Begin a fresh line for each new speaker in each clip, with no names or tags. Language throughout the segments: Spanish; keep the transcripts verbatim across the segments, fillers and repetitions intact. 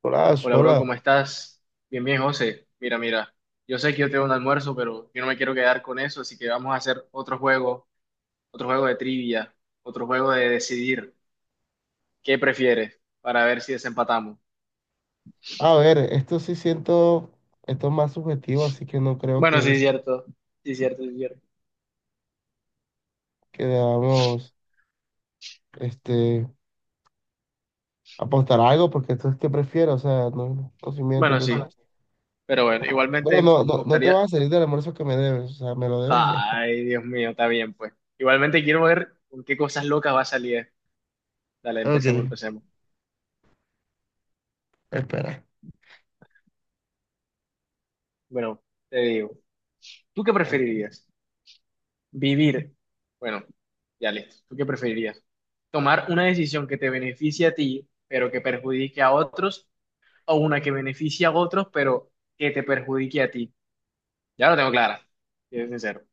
Hola,
Hola, bro,
hola.
¿cómo estás? Bien, bien, José. Mira, mira, yo sé que yo tengo un almuerzo, pero yo no me quiero quedar con eso, así que vamos a hacer otro juego, otro juego de trivia, otro juego de decidir qué prefieres para ver si desempatamos.
A ver, esto sí siento, esto es más subjetivo, así que no creo
Bueno, sí,
que,
es cierto, sí, es cierto, sí, es cierto.
que debamos este, apostar a algo, porque esto es que prefiero, o sea, no, no se miente,
Bueno, sí,
entonces.
pero bueno, igualmente
Bueno,
me
no, no, no te
gustaría...
vas a salir del almuerzo que me debes, o sea, me lo debes y ya.
Ay, Dios mío, está bien, pues. Igualmente quiero ver con qué cosas locas va a salir. Dale, empecemos,
Ok,
empecemos.
espera.
Bueno, te digo, ¿tú qué preferirías? Vivir. Bueno, ya listo. ¿Tú qué preferirías? ¿Tomar una decisión que te beneficie a ti, pero que perjudique a otros? ¿O una que beneficie a otros, pero que te perjudique a ti? Ya lo tengo clara, si es sincero.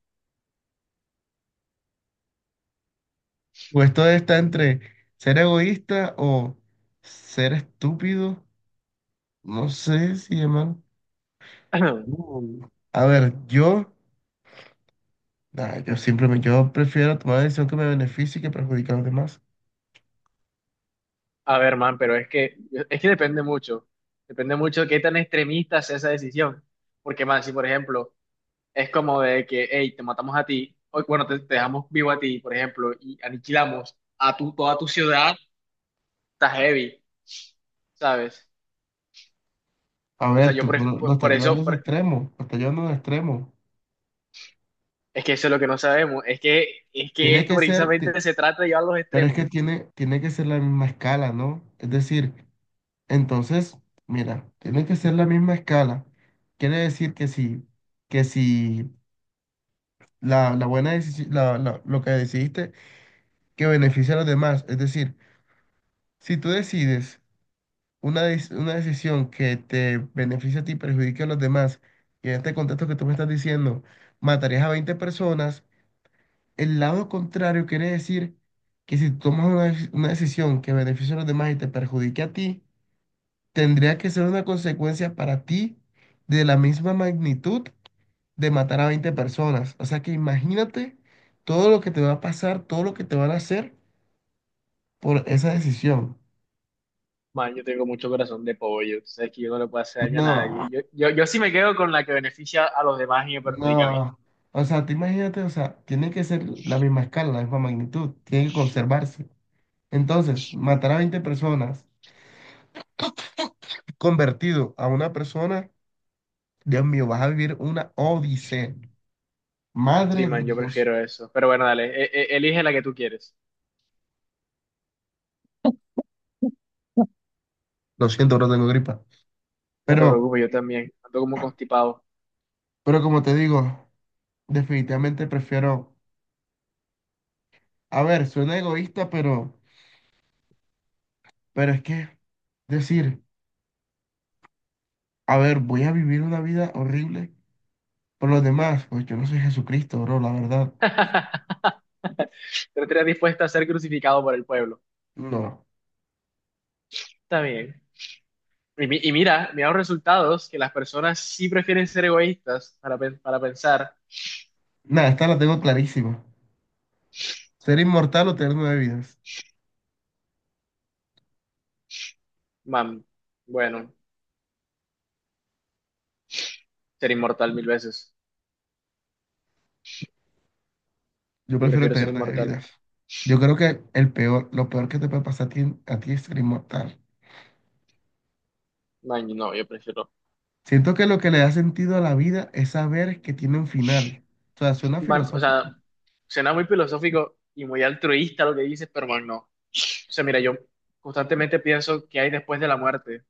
Pues esto está entre ser egoísta o ser estúpido, no sé si llaman. Mm. A ver, yo, nah, yo simplemente, yo prefiero tomar una decisión que me beneficie y que perjudique a los demás.
A ver, man, pero es que, es que depende mucho. Depende mucho de qué tan extremista sea esa decisión. Porque, man, si por ejemplo es como de que, hey, te matamos a ti, o bueno, te, te dejamos vivo a ti, por ejemplo, y aniquilamos a tu, toda tu ciudad, está heavy, ¿sabes?
A
O sea,
ver,
yo
tú
por,
lo, lo
por-
estás
por
llevando a
eso,
ese
por-
extremo, lo estás llevando a un extremo.
es que eso es lo que no sabemos, es que, es que
Tiene
esto
que ser, ti-
precisamente se trata de llevar a los
pero es
extremos.
que tiene, tiene que ser la misma escala, ¿no? Es decir, entonces, mira, tiene que ser la misma escala. Quiere decir que si, que si la, la buena decisión, la, la- lo que decidiste, que beneficia a los demás. Es decir, si tú decides una, des- una decisión que te beneficia a ti y perjudica a los demás, y en este contexto que tú me estás diciendo, matarías a veinte personas. El lado contrario quiere decir que si tomas una, dec- una decisión que beneficia a los demás y te perjudique a ti, tendría que ser una consecuencia para ti de la misma magnitud de matar a veinte personas. O sea que imagínate todo lo que te va a pasar, todo lo que te van a hacer por esa decisión.
Man, yo tengo mucho corazón de pollo, tú sabes que yo no le puedo hacer daño a nadie.
No,
Yo, yo, yo sí me quedo con la que beneficia a los demás y me perjudica a mí.
no. O sea, te imagínate, o sea, tiene que ser la misma escala, la misma magnitud, tiene que conservarse. Entonces, matar a veinte personas convertido a una persona, Dios mío, vas a vivir una odisea.
Sí,
Madre de
man, yo
Dios.
prefiero eso. Pero bueno, dale, e- e- elige la que tú quieres.
Lo siento, no tengo gripa.
No te
Pero,
preocupes, yo también. Ando como constipado.
pero como te digo, definitivamente prefiero. A ver, suena egoísta, pero, pero es que decir, a ver, voy a vivir una vida horrible por los demás. Pues yo no soy Jesucristo, bro, la verdad.
Pero estaría dispuesta a ser crucificado por el pueblo.
No.
Está bien. Y, mi- y mira, mira los resultados, que las personas sí prefieren ser egoístas para, pen- para pensar,
Nada, esta la tengo clarísima. Ser inmortal o tener nueve vidas.
man, bueno. Ser inmortal mil veces.
Yo
Yo
prefiero
prefiero ser
tener nueve
inmortal.
vidas. Yo creo que el peor, lo peor que te puede pasar a ti, a ti es ser inmortal.
No, no, yo prefiero.
Siento que lo que le da sentido a la vida es saber que tiene un final. O sea, suena
Man, o sea,
filosófico.
suena muy filosófico y muy altruista lo que dices, pero man, no. O sea, mira, yo constantemente pienso qué hay después de la muerte.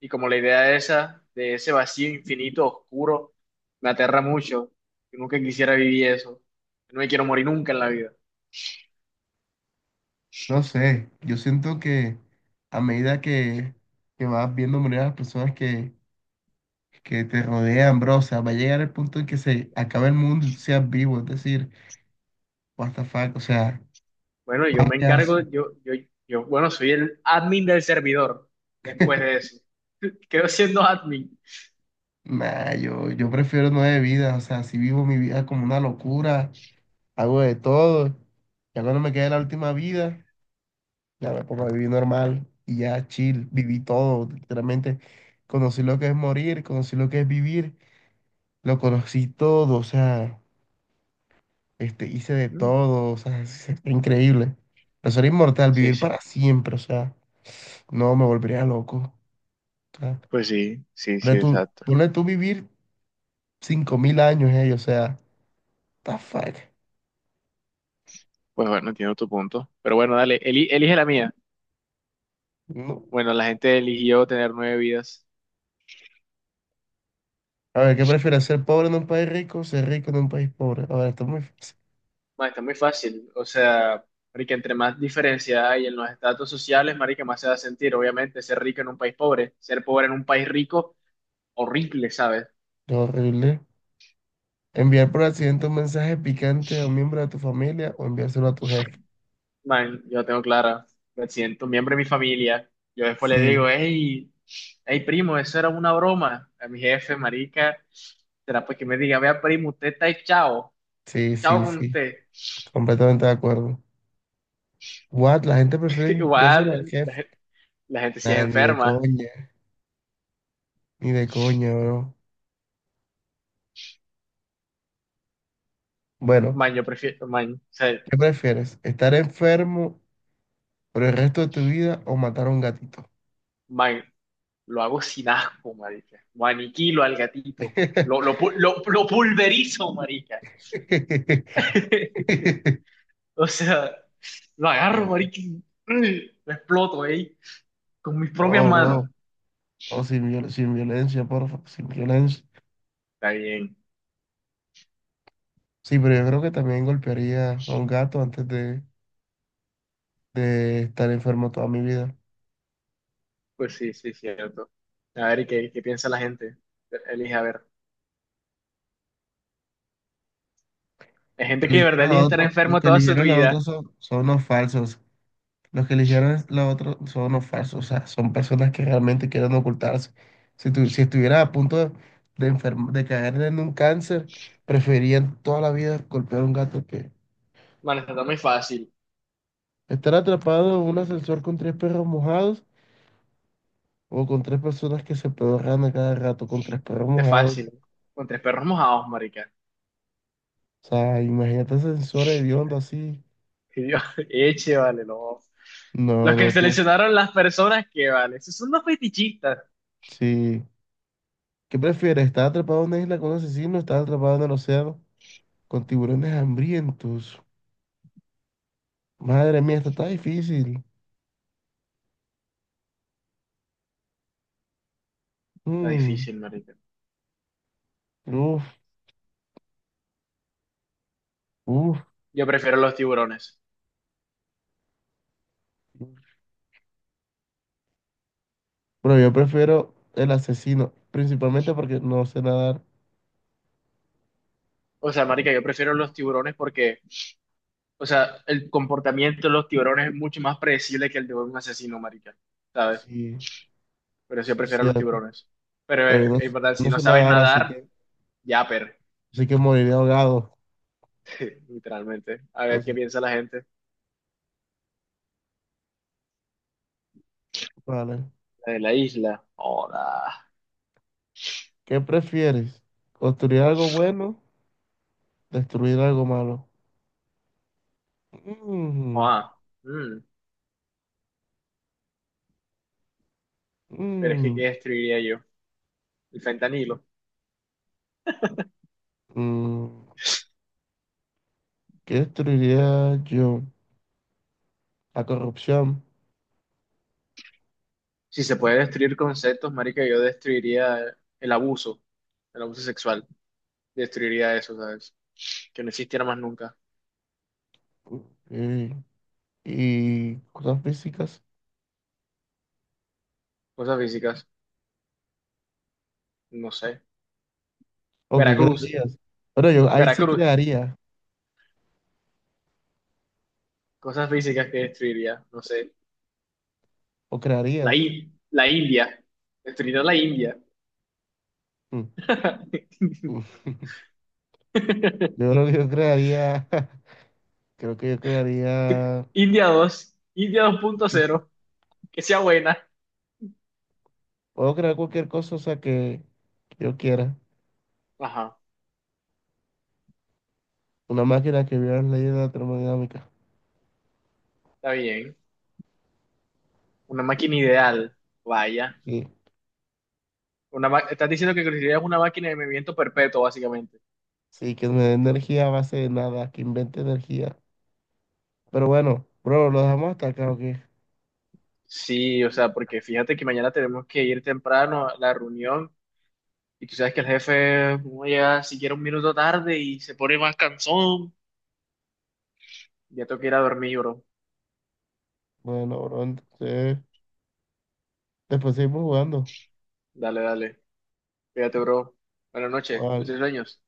Y como la idea esa, de ese vacío infinito, oscuro, me aterra mucho. Yo nunca quisiera vivir eso. No me quiero morir nunca en la vida.
No sé, yo siento que a medida que, que vas viendo morir a las personas que, que te rodean, bro, o sea, va a llegar el punto en que se acabe el mundo y tú seas vivo. Es decir, what the fuck, o sea,
Bueno,
vas
yo
a
me
quedar
encargo,
so-
yo, yo, yo, bueno, soy el admin del servidor después de eso. Quedo siendo admin.
nah, yo, yo prefiero nueve vidas, o sea, si vivo mi vida como una locura, hago de todo, ya cuando me quede la última vida. Ya me pongo a vivir normal y ya chill, viví todo, literalmente. Conocí lo que es morir, conocí lo que es vivir, lo conocí todo, o sea, este, hice de
Mm.
todo, o sea, es- es increíble. Pero ser inmortal,
Sí,
vivir
sí.
para siempre, o sea, no me volvería loco. O sea,
Pues sí, sí, sí,
ponle tú,
exacto.
ponle tú vivir cinco mil años, eh, o sea, what the fuck.
Pues bueno, entiendo tu punto. Pero bueno, dale, eli- elige la mía.
No.
Bueno, la gente eligió tener nueve vidas.
A ver, ¿qué prefieres, ser pobre en un país rico o ser rico en un país pobre? A ver, esto es muy fácil.
Ma, está muy fácil. O sea, marica, entre más diferencia hay en los estatus sociales, marica, más se va a sentir. Obviamente, ser rico en un país pobre, ser pobre en un país rico, horrible, ¿sabes?
Es horrible. Enviar por accidente un mensaje picante a un miembro de tu familia o enviárselo a tu jefe.
Man, yo la tengo clara. Me siento un miembro de mi familia. Yo después le digo,
Sí,
hey, hey, primo, eso era una broma. A mi jefe, marica, será pues que me diga, vea, primo, usted está ahí, chao.
sí,
Chao
sí,
con
sí.
usted.
Completamente de acuerdo. What? La gente prefiere enviárselo al
Igual, la,
jefe.
gen- la gente sí es
Nah, ni de
enferma.
coña, ni de coña, bro. Bueno,
Man, yo prefiero, man, o sea,
¿qué prefieres? ¿Estar enfermo por el resto de tu vida o matar a un gatito?
man, lo hago sin asco, marica. Lo aniquilo al gatito. Lo, lo, pu- lo, lo pulverizo, marica. O sea, lo agarro, marica, y mm, lo exploto, eh con mis propias
Oh,
manos.
bro. Oh, sin viol- sin violencia, porfa, sin violencia.
Está bien.
Sí, pero yo creo que también golpearía a un gato antes de, de estar enfermo toda mi vida.
Pues sí, sí, cierto. A ver, ¿y qué, qué piensa la gente? Elige, a ver. Hay
Que
gente que de verdad
eligieron la
elige estar
otra, los
enfermo
que
toda su
eligieron la otra
vida.
son, son unos falsos. Los que eligieron la otra son unos falsos. O sea, son personas que realmente quieren ocultarse. Si, tu- si estuvieras a punto de, de, enferm- de caer en un cáncer, preferían toda la vida golpear a un gato que
Man, está muy fácil.
estar atrapado en un ascensor con tres perros mojados o con tres personas que se pedorran a cada rato con tres perros
Está
mojados.
fácil. Con tres perros mojados, marica.
O sea, imagínate ascensores hediondos así.
Y yo, eche, vale, no. Los
No,
que
no, tú.
seleccionaron las personas que, vale, esos son los fetichistas.
Sí. ¿Qué prefieres? ¿Estar atrapado en una isla con un asesino o estar atrapado en el océano con tiburones hambrientos? Madre mía, esto está difícil.
Está
Mm,
difícil, marica.
uf, uf.
Yo prefiero los tiburones.
Pero yo prefiero el asesino, principalmente porque no sé nadar.
O sea, marica, yo prefiero los tiburones porque, o sea, el comportamiento de los tiburones es mucho más predecible que el de un asesino, marica, ¿sabes?
Sí,
Pero sí, yo
sí, es
prefiero los
cierto.
tiburones. Pero
Pero
eh,
yo no,
es verdad,
yo
si
no
no
sé
sabes
nadar, así
nadar,
que,
ya, per,
así que moriré ahogado.
literalmente. A ver qué
Entonces,
piensa la gente.
vale.
La de la isla. Hola.
¿Qué prefieres? ¿Construir algo bueno? ¿Destruir algo malo? Mm,
Ah, mm. Pero es que, ¿qué
mm,
destruiría yo? El fentanilo.
mm. ¿Qué destruiría yo? La corrupción,
Si se puede destruir conceptos, marica, yo destruiría el abuso, el abuso sexual. Destruiría eso, ¿sabes? Que no existiera más nunca.
eh, y cosas físicas.
Cosas físicas, no sé.
¿O qué
Veracruz,
crearías? Bueno, yo ahí sí
Veracruz.
crearía.
Cosas físicas que destruiría, no sé.
¿O
La,
crearías?
I- la India. Destruiría la India.
Mm, mm. Yo creo que yo crearía, creo que yo crearía,
India dos India dos punto cero que sea buena.
puedo crear cualquier cosa, o sea, que yo quiera.
Ajá,
Una máquina que viola las leyes de la termodinámica.
está bien. Una máquina ideal, vaya.
Sí,
Una ma- estás diciendo que construirías una máquina de movimiento perpetuo, básicamente.
sí, que me dé energía a base de nada, que invente energía. Pero bueno, bro, lo dejamos hasta acá, ¿o qué?
Sí, o sea, porque fíjate que mañana tenemos que ir temprano a la reunión y tú sabes que el jefe uno llega siquiera un minuto tarde y se pone más cansón. Ya tengo que ir a dormir, bro.
Bueno, bro, entonces, después seguimos jugando.
Dale, dale. Cuídate, bro. Buenas noches. Dulces
Cuatro
sueños.